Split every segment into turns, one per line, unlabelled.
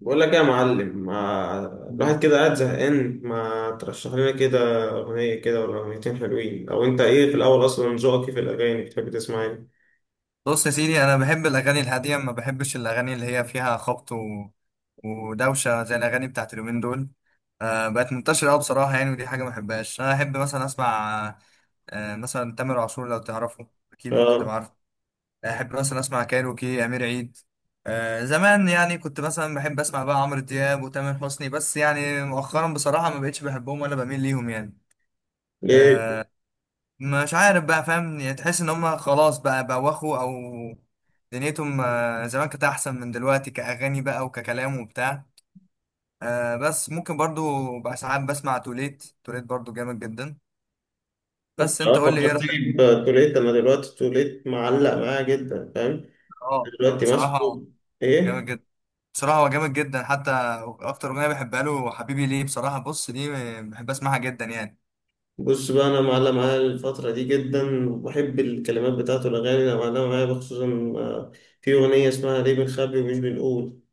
بقول لك إيه يا معلم، ما
مم.
الواحد كده قاعد زهقان، ما ترشح لنا كده أغنية كده ولا أغنيتين حلوين؟ أو أنت إيه في الأول أصلا؟ ذوقك إيه في الأغاني؟ بتحب تسمع إيه؟
بص يا سيدي، انا بحب الاغاني الهاديه، ما بحبش الاغاني اللي هي فيها خبط ودوشه زي الاغاني بتاعت اليومين دول. بقت منتشره قوي بصراحه يعني، ودي حاجه ما بحبهاش. انا احب مثلا اسمع، مثلا تامر عاشور، لو تعرفه اكيد ممكن تبقى
آه.
عارفه. احب مثلا اسمع كايروكي، امير عيد. زمان يعني كنت مثلا بحب اسمع بقى عمرو دياب وتامر حسني، بس يعني مؤخرا بصراحه ما بقتش بحبهم ولا بميل ليهم يعني.
ليه؟
آه، مش عارف بقى، فاهم؟ يعني تحس ان هم خلاص بقى بوخوا، او دنيتهم. زمان كانت احسن من دلوقتي، كاغاني بقى وككلام وبتاع. بس ممكن برضو بقى ساعات بسمع توليت توليت، برضو جامد جدا. بس
آه،
انت قول لي ايه رايك؟
فكرتني بتوليت. أنا دلوقتي توليت معلق معايا جدا، فاهم؟
اه.
دلوقتي ماسكه.
بصراحه جامد
إيه؟
جدا، بصراحه هو جامد جدا. حتى اكتر اغنيه بحبها له حبيبي ليه بصراحه. بص دي بحب اسمعها جدا يعني.
بص بقى، أنا معلق معايا الفترة دي جدا، وبحب الكلمات بتاعته، الأغاني اللي معلقة معايا خصوصا. آه، في أغنية اسمها ليه بنخبي ومش بنقول.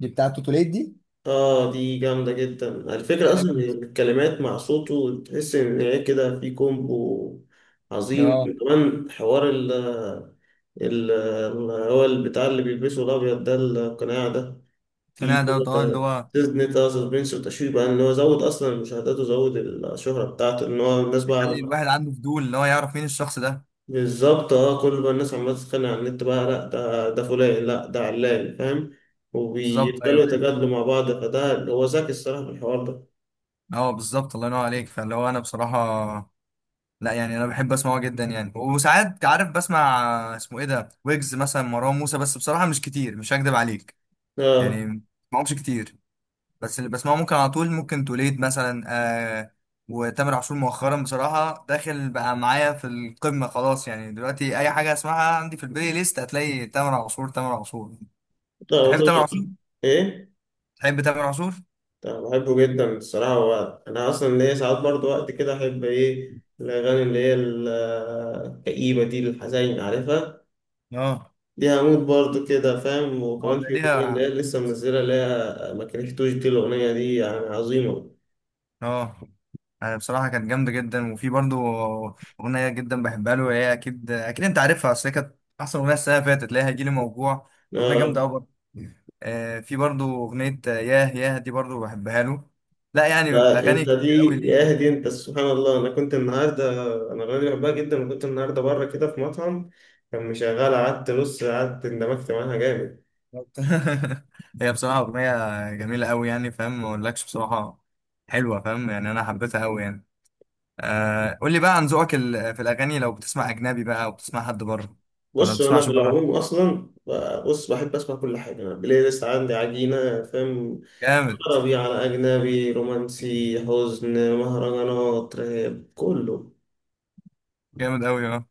دي بتاعت توتوليت دي
اه دي جامدة جدا. الفكرة أصلا إن
غالبا.
الكلمات مع صوته تحس إن هي كده في كومبو
اه
عظيم. كمان حوار هو البتاع اللي بيلبسه الأبيض ده، القناع ده، في
القناع
كده
ده، اه اللي هو
نتا سسبنس وتشويق بقى، إن هو زود أصلا المشاهدات وزود الشهرة بتاعته، إن هو الناس بقى
بيخلي
عارفة.
الواحد عنده فضول، اللي هو يعرف مين الشخص ده.
بالظبط. اه، كل بقى الناس عمالة تتخانق على النت بقى، لأ ده فلان لأ ده علان، فاهم؟
بالظبط،
وبيفضلوا
ايوه.
يتجادلوا مع بعض، فده هو ذكي الصراحة في الحوار ده.
اه بالظبط، الله ينور عليك. فاللي هو انا بصراحه، لا يعني انا بحب اسمعه جدا يعني. وساعات عارف، بسمع اسمه ايه ده، ويجز مثلا، مروان موسى، بس بصراحه مش كتير، مش هكدب عليك.
اه.
يعني ما بسمعهمش كتير. بس اللي بسمعه ممكن على طول، ممكن توليد مثلا. آه وتامر عاشور مؤخرا بصراحه داخل بقى معايا في القمه، خلاص يعني دلوقتي اي حاجه اسمعها عندي في البلاي ليست هتلاقي تامر عاشور، تامر عاشور.
طبعا
تحب تامر
طبعا.
عاشور؟
ايه.
تحب تامر عاشور؟
طبعا بحبه جدا الصراحه. هو انا اصلا ليا ساعات برضو وقت كده احب ايه الاغاني اللي هي الكئيبه دي، الحزين، عارفها.
اه.
دي هموت برضو كده فاهم.
اه
وكمان في اغنيه اللي هي
ليها.
لسه منزله اللي هي ما كرهتوش، دي الاغنيه دي يعني عظيمه.
اه. بصراحة كانت جامدة جدا. وفي برضو أغنية جدا بحبها له، هي أكيد أكيد أنت عارفها، أصل هي كانت أحسن أغنية السنة اللي فاتت، اللي هي هيجيلي موجوع. أغنية جامدة
اه.
أوي برضو. في برضو أغنية، ياه ياه دي برضو بحبها له. لا يعني أغاني
فانت دي
كتير أوي ليه يعني.
يا دي انت، سبحان الله، انا كنت النهارده، انا الاغنيه دي بحبها جدا، وكنت النهارده بره كده في مطعم كان مشغلها، قعدت نص قعدت اندمجت معاها جامد.
هي بصراحة أغنية جميلة أوي، يعني فاهم، ما أقولكش بصراحة حلوة، فاهم يعني؟ أنا حبيتها أوي يعني. قول لي بقى عن ذوقك في الأغاني، لو بتسمع أجنبي بقى أو بتسمع حد بره؟ ولا ما
بص انا
بتسمعش
في
بره؟
العموم اصلا ب- بص بحب اسمع كل حاجه، انا البلاي ليست عندي عجينه فاهم.
جامد.
عربي، على اجنبي، رومانسي، حزن، مهرجانات، راب، كله.
جامد أوي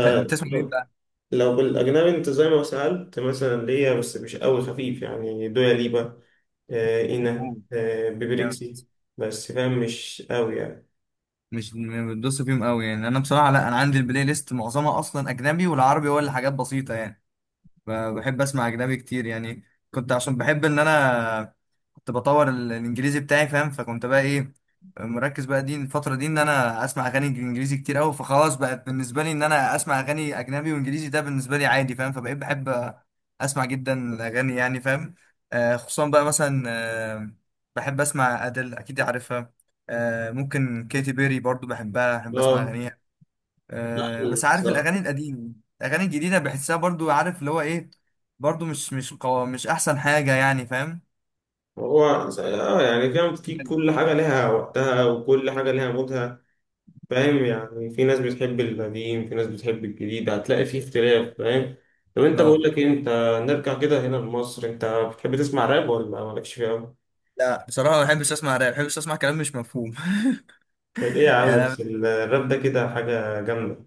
بتسمع مين بقى؟
لو بالاجنبي، انت زي ما سالت مثلا ليا، بس مش قوي، خفيف يعني، دويا ليبا، اينا،
أوه. يعني
بيبريكسي، بس فاهم مش قوي يعني.
مش بتدوس فيهم قوي يعني. انا بصراحه لا، انا عندي البلاي ليست معظمها اصلا اجنبي، والعربي هو اللي حاجات بسيطه يعني. بحب اسمع اجنبي كتير يعني. كنت عشان بحب ان انا كنت بطور الانجليزي بتاعي، فاهم؟ فكنت بقى ايه، مركز بقى دي الفترة دي ان انا اسمع اغاني انجليزي كتير قوي، فخلاص بقت بالنسبة لي ان انا اسمع اغاني اجنبي وانجليزي، ده بالنسبة لي عادي فاهم. فبقيت بحب اسمع جدا الاغاني يعني فاهم. خصوصا بقى مثلا، بحب اسمع ادل اكيد عارفها. ممكن كيتي بيري برضو بحبها، بحب اسمع
اه
اغانيها. بس عارف
بالظبط.
الاغاني القديمه، الاغاني الجديده بحسها برضو، عارف اللي هو ايه، برضو مش احسن حاجه يعني فاهم.
هو اه يعني فاهم، في كل حاجه لها وقتها، وكل حاجه لها مودها، فاهم يعني. في ناس بتحب القديم، في ناس بتحب الجديد، هتلاقي فيه اختلاف، فاهم. طب انت بقول
اه
لك إيه، انت نرجع كده هنا لمصر، انت بتحب تسمع راب ولا مالكش فيه قوي؟
لا بصراحه ما بحبش اسمع راب، ما بحبش اسمع كلام مش مفهوم.
طب ايه يا عم، بس
يعني،
الراب ده كده حاجة جامدة.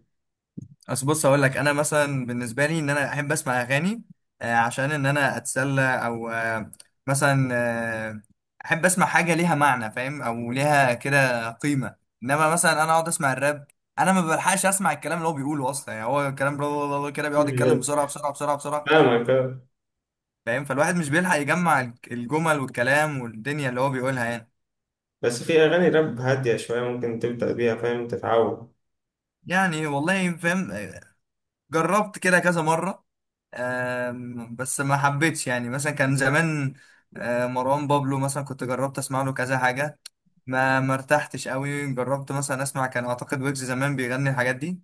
بس بص اقول لك انا مثلا بالنسبه لي ان انا احب اسمع اغاني عشان ان انا اتسلى، او مثلا آه، احب اسمع حاجه ليها معنى فاهم، او ليها كده قيمه. انما مثلا انا اقعد اسمع الراب، انا ما بلحقش اسمع الكلام اللي هو بيقوله اصلا، يعني هو الكلام بلا بلا بلا كده بيقعد يتكلم بسرعه بسرعه بسرعه بسرعه
فاهمك آه.
فاهم. فالواحد مش بيلحق يجمع الجمل والكلام والدنيا اللي هو بيقولها يعني.
بس في اغاني راب هادية شوية، ممكن تبدأ بيها فاهم، تتعود.
يعني والله فاهم. جربت كده كذا مره، بس ما حبيتش يعني. مثلا كان زمان، مروان بابلو مثلا كنت جربت اسمع له كذا حاجه، ما ارتحتش قوي. جربت مثلا اسمع، كان اعتقد ويجز زمان بيغني الحاجات دي،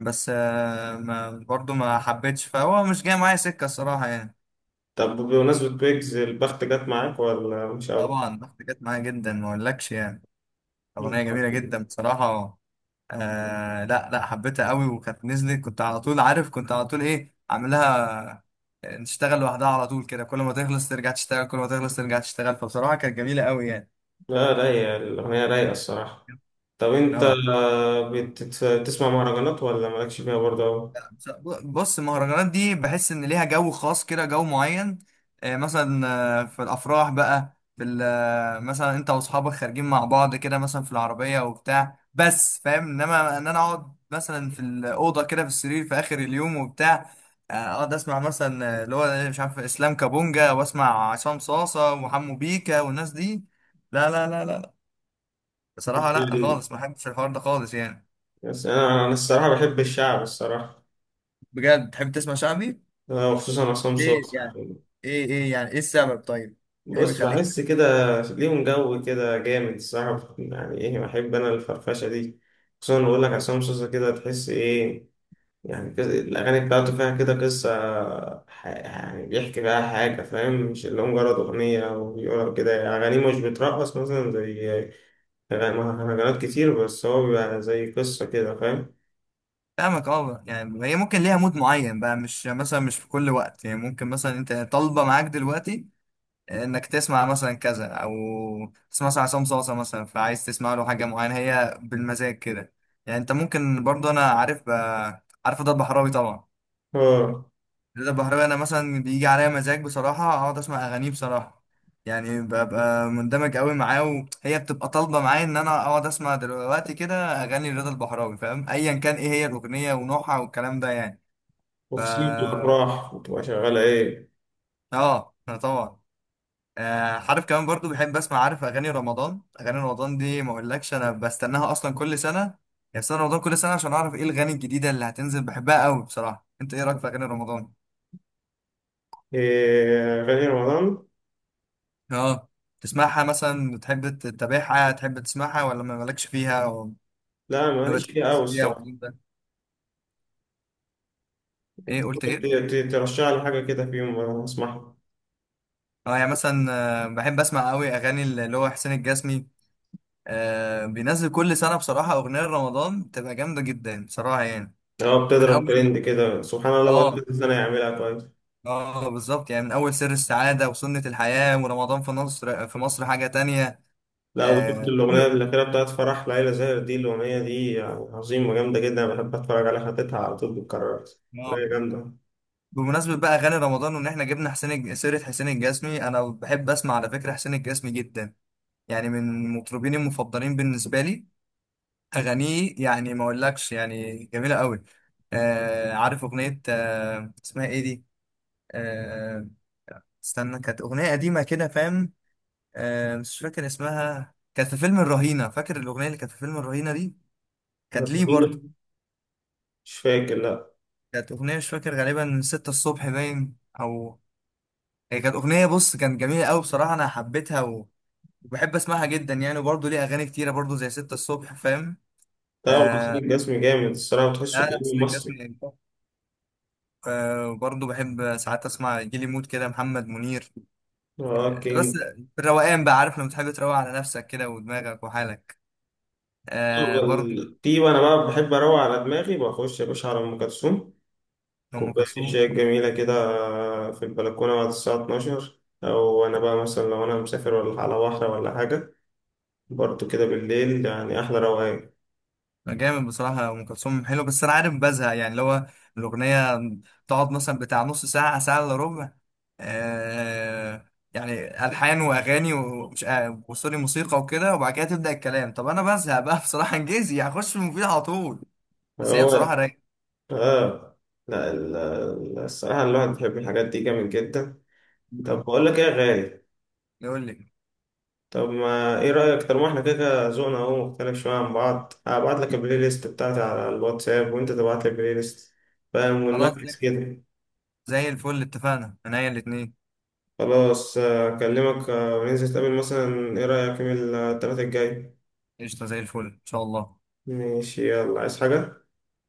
بس ما برضه ما حبيتش. فهو مش جاي معايا سكه الصراحه يعني.
طب بمناسبة ويجز، البخت جت معاك ولا مش قوي؟
طبعا ضغط جت معايا جدا ما اقولكش يعني، اغنيه جميله جدا بصراحه. لا لا حبيتها قوي، وكانت نزلت كنت على طول، عارف كنت على طول ايه عاملها، تشتغل لوحدها على طول كده، كل ما تخلص ترجع تشتغل، كل ما تخلص ترجع تشتغل. فبصراحة كانت جميلة قوي يعني.
لا رايقة الأغنية، رايقة الصراحة. طب انت
اه
بتسمع مهرجانات ولا مالكش فيها برضه أوي؟
بص، المهرجانات دي بحس ان ليها جو خاص كده، جو معين. مثلا في الافراح بقى، في مثلا انت واصحابك خارجين مع بعض كده، مثلا في العربيه وبتاع بس فاهم. انما ان انا اقعد مثلا في الاوضه كده في السرير في اخر اليوم وبتاع، اقعد اسمع مثلا، اللي هو مش عارف اسلام كابونجا، واسمع عصام صاصه وحمو بيكا والناس دي. لا لا لا لا.
بس
بصراحه لا خالص، ما بحبش الحوار ده خالص يعني.
بس انا الصراحه بحب الشعب الصراحه.
بجد تحب تسمع شعبي؟
أنا وخصوصا عصام
ليه
صاصا.
يعني؟ ايه ايه يعني، ايه السبب طيب؟ إيه اللي
بص
بيخليك
بحس كده ليهم جو كده جامد الصراحه، يعني ايه، بحب انا الفرفشه دي. خصوصا بقول لك عصام صاصا كده، تحس ايه، يعني كده الاغاني بتاعته فيها كده قصه. يعني بيحكي بقى حاجه فاهم، مش اللي هو مجرد اغنيه او بيقول كده، اغانيه مش بترقص مثلا زي مهرجانات كتير، بس هو بيبقى زي قصه كده فاهم.
فاهمك. اه يعني هي ممكن ليها مود معين بقى، مش مثلا مش في كل وقت يعني. ممكن مثلا انت طالبه معاك دلوقتي انك تسمع مثلا كذا، او تسمع مثلا عصام صاصا مثلا، فعايز تسمع له حاجه معينه، هي بالمزاج كده يعني. انت ممكن برضه. انا عارف عارف ضرب حرامي طبعا.
اه،
رضا البحراوي، انا مثلا بيجي عليا مزاج بصراحه اقعد اسمع اغانيه بصراحه، يعني ببقى مندمج قوي معاه، وهي بتبقى طالبه معايا ان انا اقعد اسمع دلوقتي كده اغاني رضا البحراوي، فاهم؟ ايا كان ايه هي الاغنيه ونوعها والكلام ده يعني. ف
وخصوصا في الأفراح بتبقى شغالة إيه؟
اه أنا طبعا. عارف كمان برضو بحب اسمع، عارف اغاني رمضان، اغاني رمضان دي ما اقولكش، انا بستناها اصلا كل سنه يعني، سنه رمضان كل سنه، عشان اعرف ايه الغاني الجديده اللي هتنزل، بحبها قوي بصراحه. انت ايه رايك في اغاني رمضان؟
إيه، أغاني رمضان؟
اه تسمعها مثلا، بتحب تتابعها، تحب تسمعها، ولا ما مالكش فيها، او
لا
ما
ماليش فيها أوي
بتركز فيها
الصراحة.
والكلام ده؟
أنت
ايه قلت
ممكن
ايه؟
ترشح لي حاجة كده في يوم أنا أسمعها.
اه يعني مثلا، بحب اسمع قوي اغاني اللي هو حسين الجسمي، بينزل كل سنه بصراحه اغنيه رمضان، بتبقى جامده جدا بصراحه يعني.
أه
من
بتضرب
اول.
ترند كده، سبحان الله بقى
اه.
كذا سنة يعملها كويس.
اه بالظبط يعني، من اول سر السعاده وسنه الحياه ورمضان في مصر، في مصر حاجه تانية.
لا وشفت
اه
الأغنية الأخيرة بتاعت فرح ليلى زاهر دي؟ الأغنية دي يعني عظيمة جامدة جدا، أنا بحب أتفرج عليها حتتها على طول بتكرر.
آه.
أغنية جامدة.
بمناسبة بقى أغاني رمضان وإن إحنا جبنا حسين سيرة حسين الجسمي. أنا بحب أسمع على فكرة حسين الجسمي جدا، يعني من المطربين المفضلين بالنسبة لي. أغانيه يعني ما أقولكش، يعني جميلة أوي. عارف أغنية اسمها إيه دي؟ آه استنى، كانت أغنية قديمة كده فاهم. مش فاكر اسمها، كانت في فيلم الرهينة، فاكر الأغنية اللي كانت في فيلم الرهينة دي؟ كانت ليه برضه.
مش فاكر لأ.
كانت أغنية مش فاكر، غالبا ستة الصبح باين، أو هي كانت أغنية. بص كانت جميلة أوي بصراحة، أنا حبيتها وبحب اسمعها جدا يعني. وبرضه ليه اغاني كتيره برضه، زي ستة الصبح فاهم.
لا وحسين
آه
الجسمي جامد الصراحة، وتحسه
لا لا
كأنه
حسين الجسمي
مصري.
يعني. برضه بحب ساعات اسمع جيلي مود كده، محمد منير.
أه
ده
كينج.
بس في الروقان بقى، عارف لما تحب تروق على نفسك كده ودماغك وحالك. برضه
والتي وانا بقى بحب اروق على دماغي، بخش يا باشا على ام كلثوم،
ام
كوبايه
كلثوم.
الشاي الجميله كده في البلكونه بعد الساعه 12، او انا بقى مثلا لو انا مسافر ولا على بحر ولا حاجه، برضو كده بالليل يعني احلى روقان.
جامد بصراحة. أم كلثوم حلو، بس أنا عارف بزهق يعني، اللي هو الأغنية تقعد مثلا بتاع نص ساعة، ساعة إلا ربع، يعني ألحان وأغاني ومش، وسوري موسيقى وكده، وبعد كده تبدأ الكلام. طب أنا بزهق بقى بصراحة. إنجليزي هخش في المفيد على طول. بس هي
هو
بصراحة رايقة.
اه، لا الصراحه الواحد بيحب الحاجات دي جامد جدا. طب
مم.
بقول لك ايه يا غالي،
يقول لك.
طب ما ايه رايك؟ طالما احنا كده كده ذوقنا اهو مختلف شويه عن بعض، هبعت لك البلاي ليست بتاعتي على الواتساب وانت تبعت لي البلاي ليست فاهم،
خلاص زي
ونمكس كده.
زي الفل، اتفقنا عينيا الاتنين.
خلاص آه، أكلمك، وننزل نتقابل مثلا، إيه رأيك يوم التلاتة الجاي؟
قشطة زي الفل إن شاء الله.
ماشي، يلا عايز حاجة؟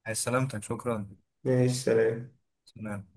عايز سلامتك شكرا.
ماشي، سلام.
سلام.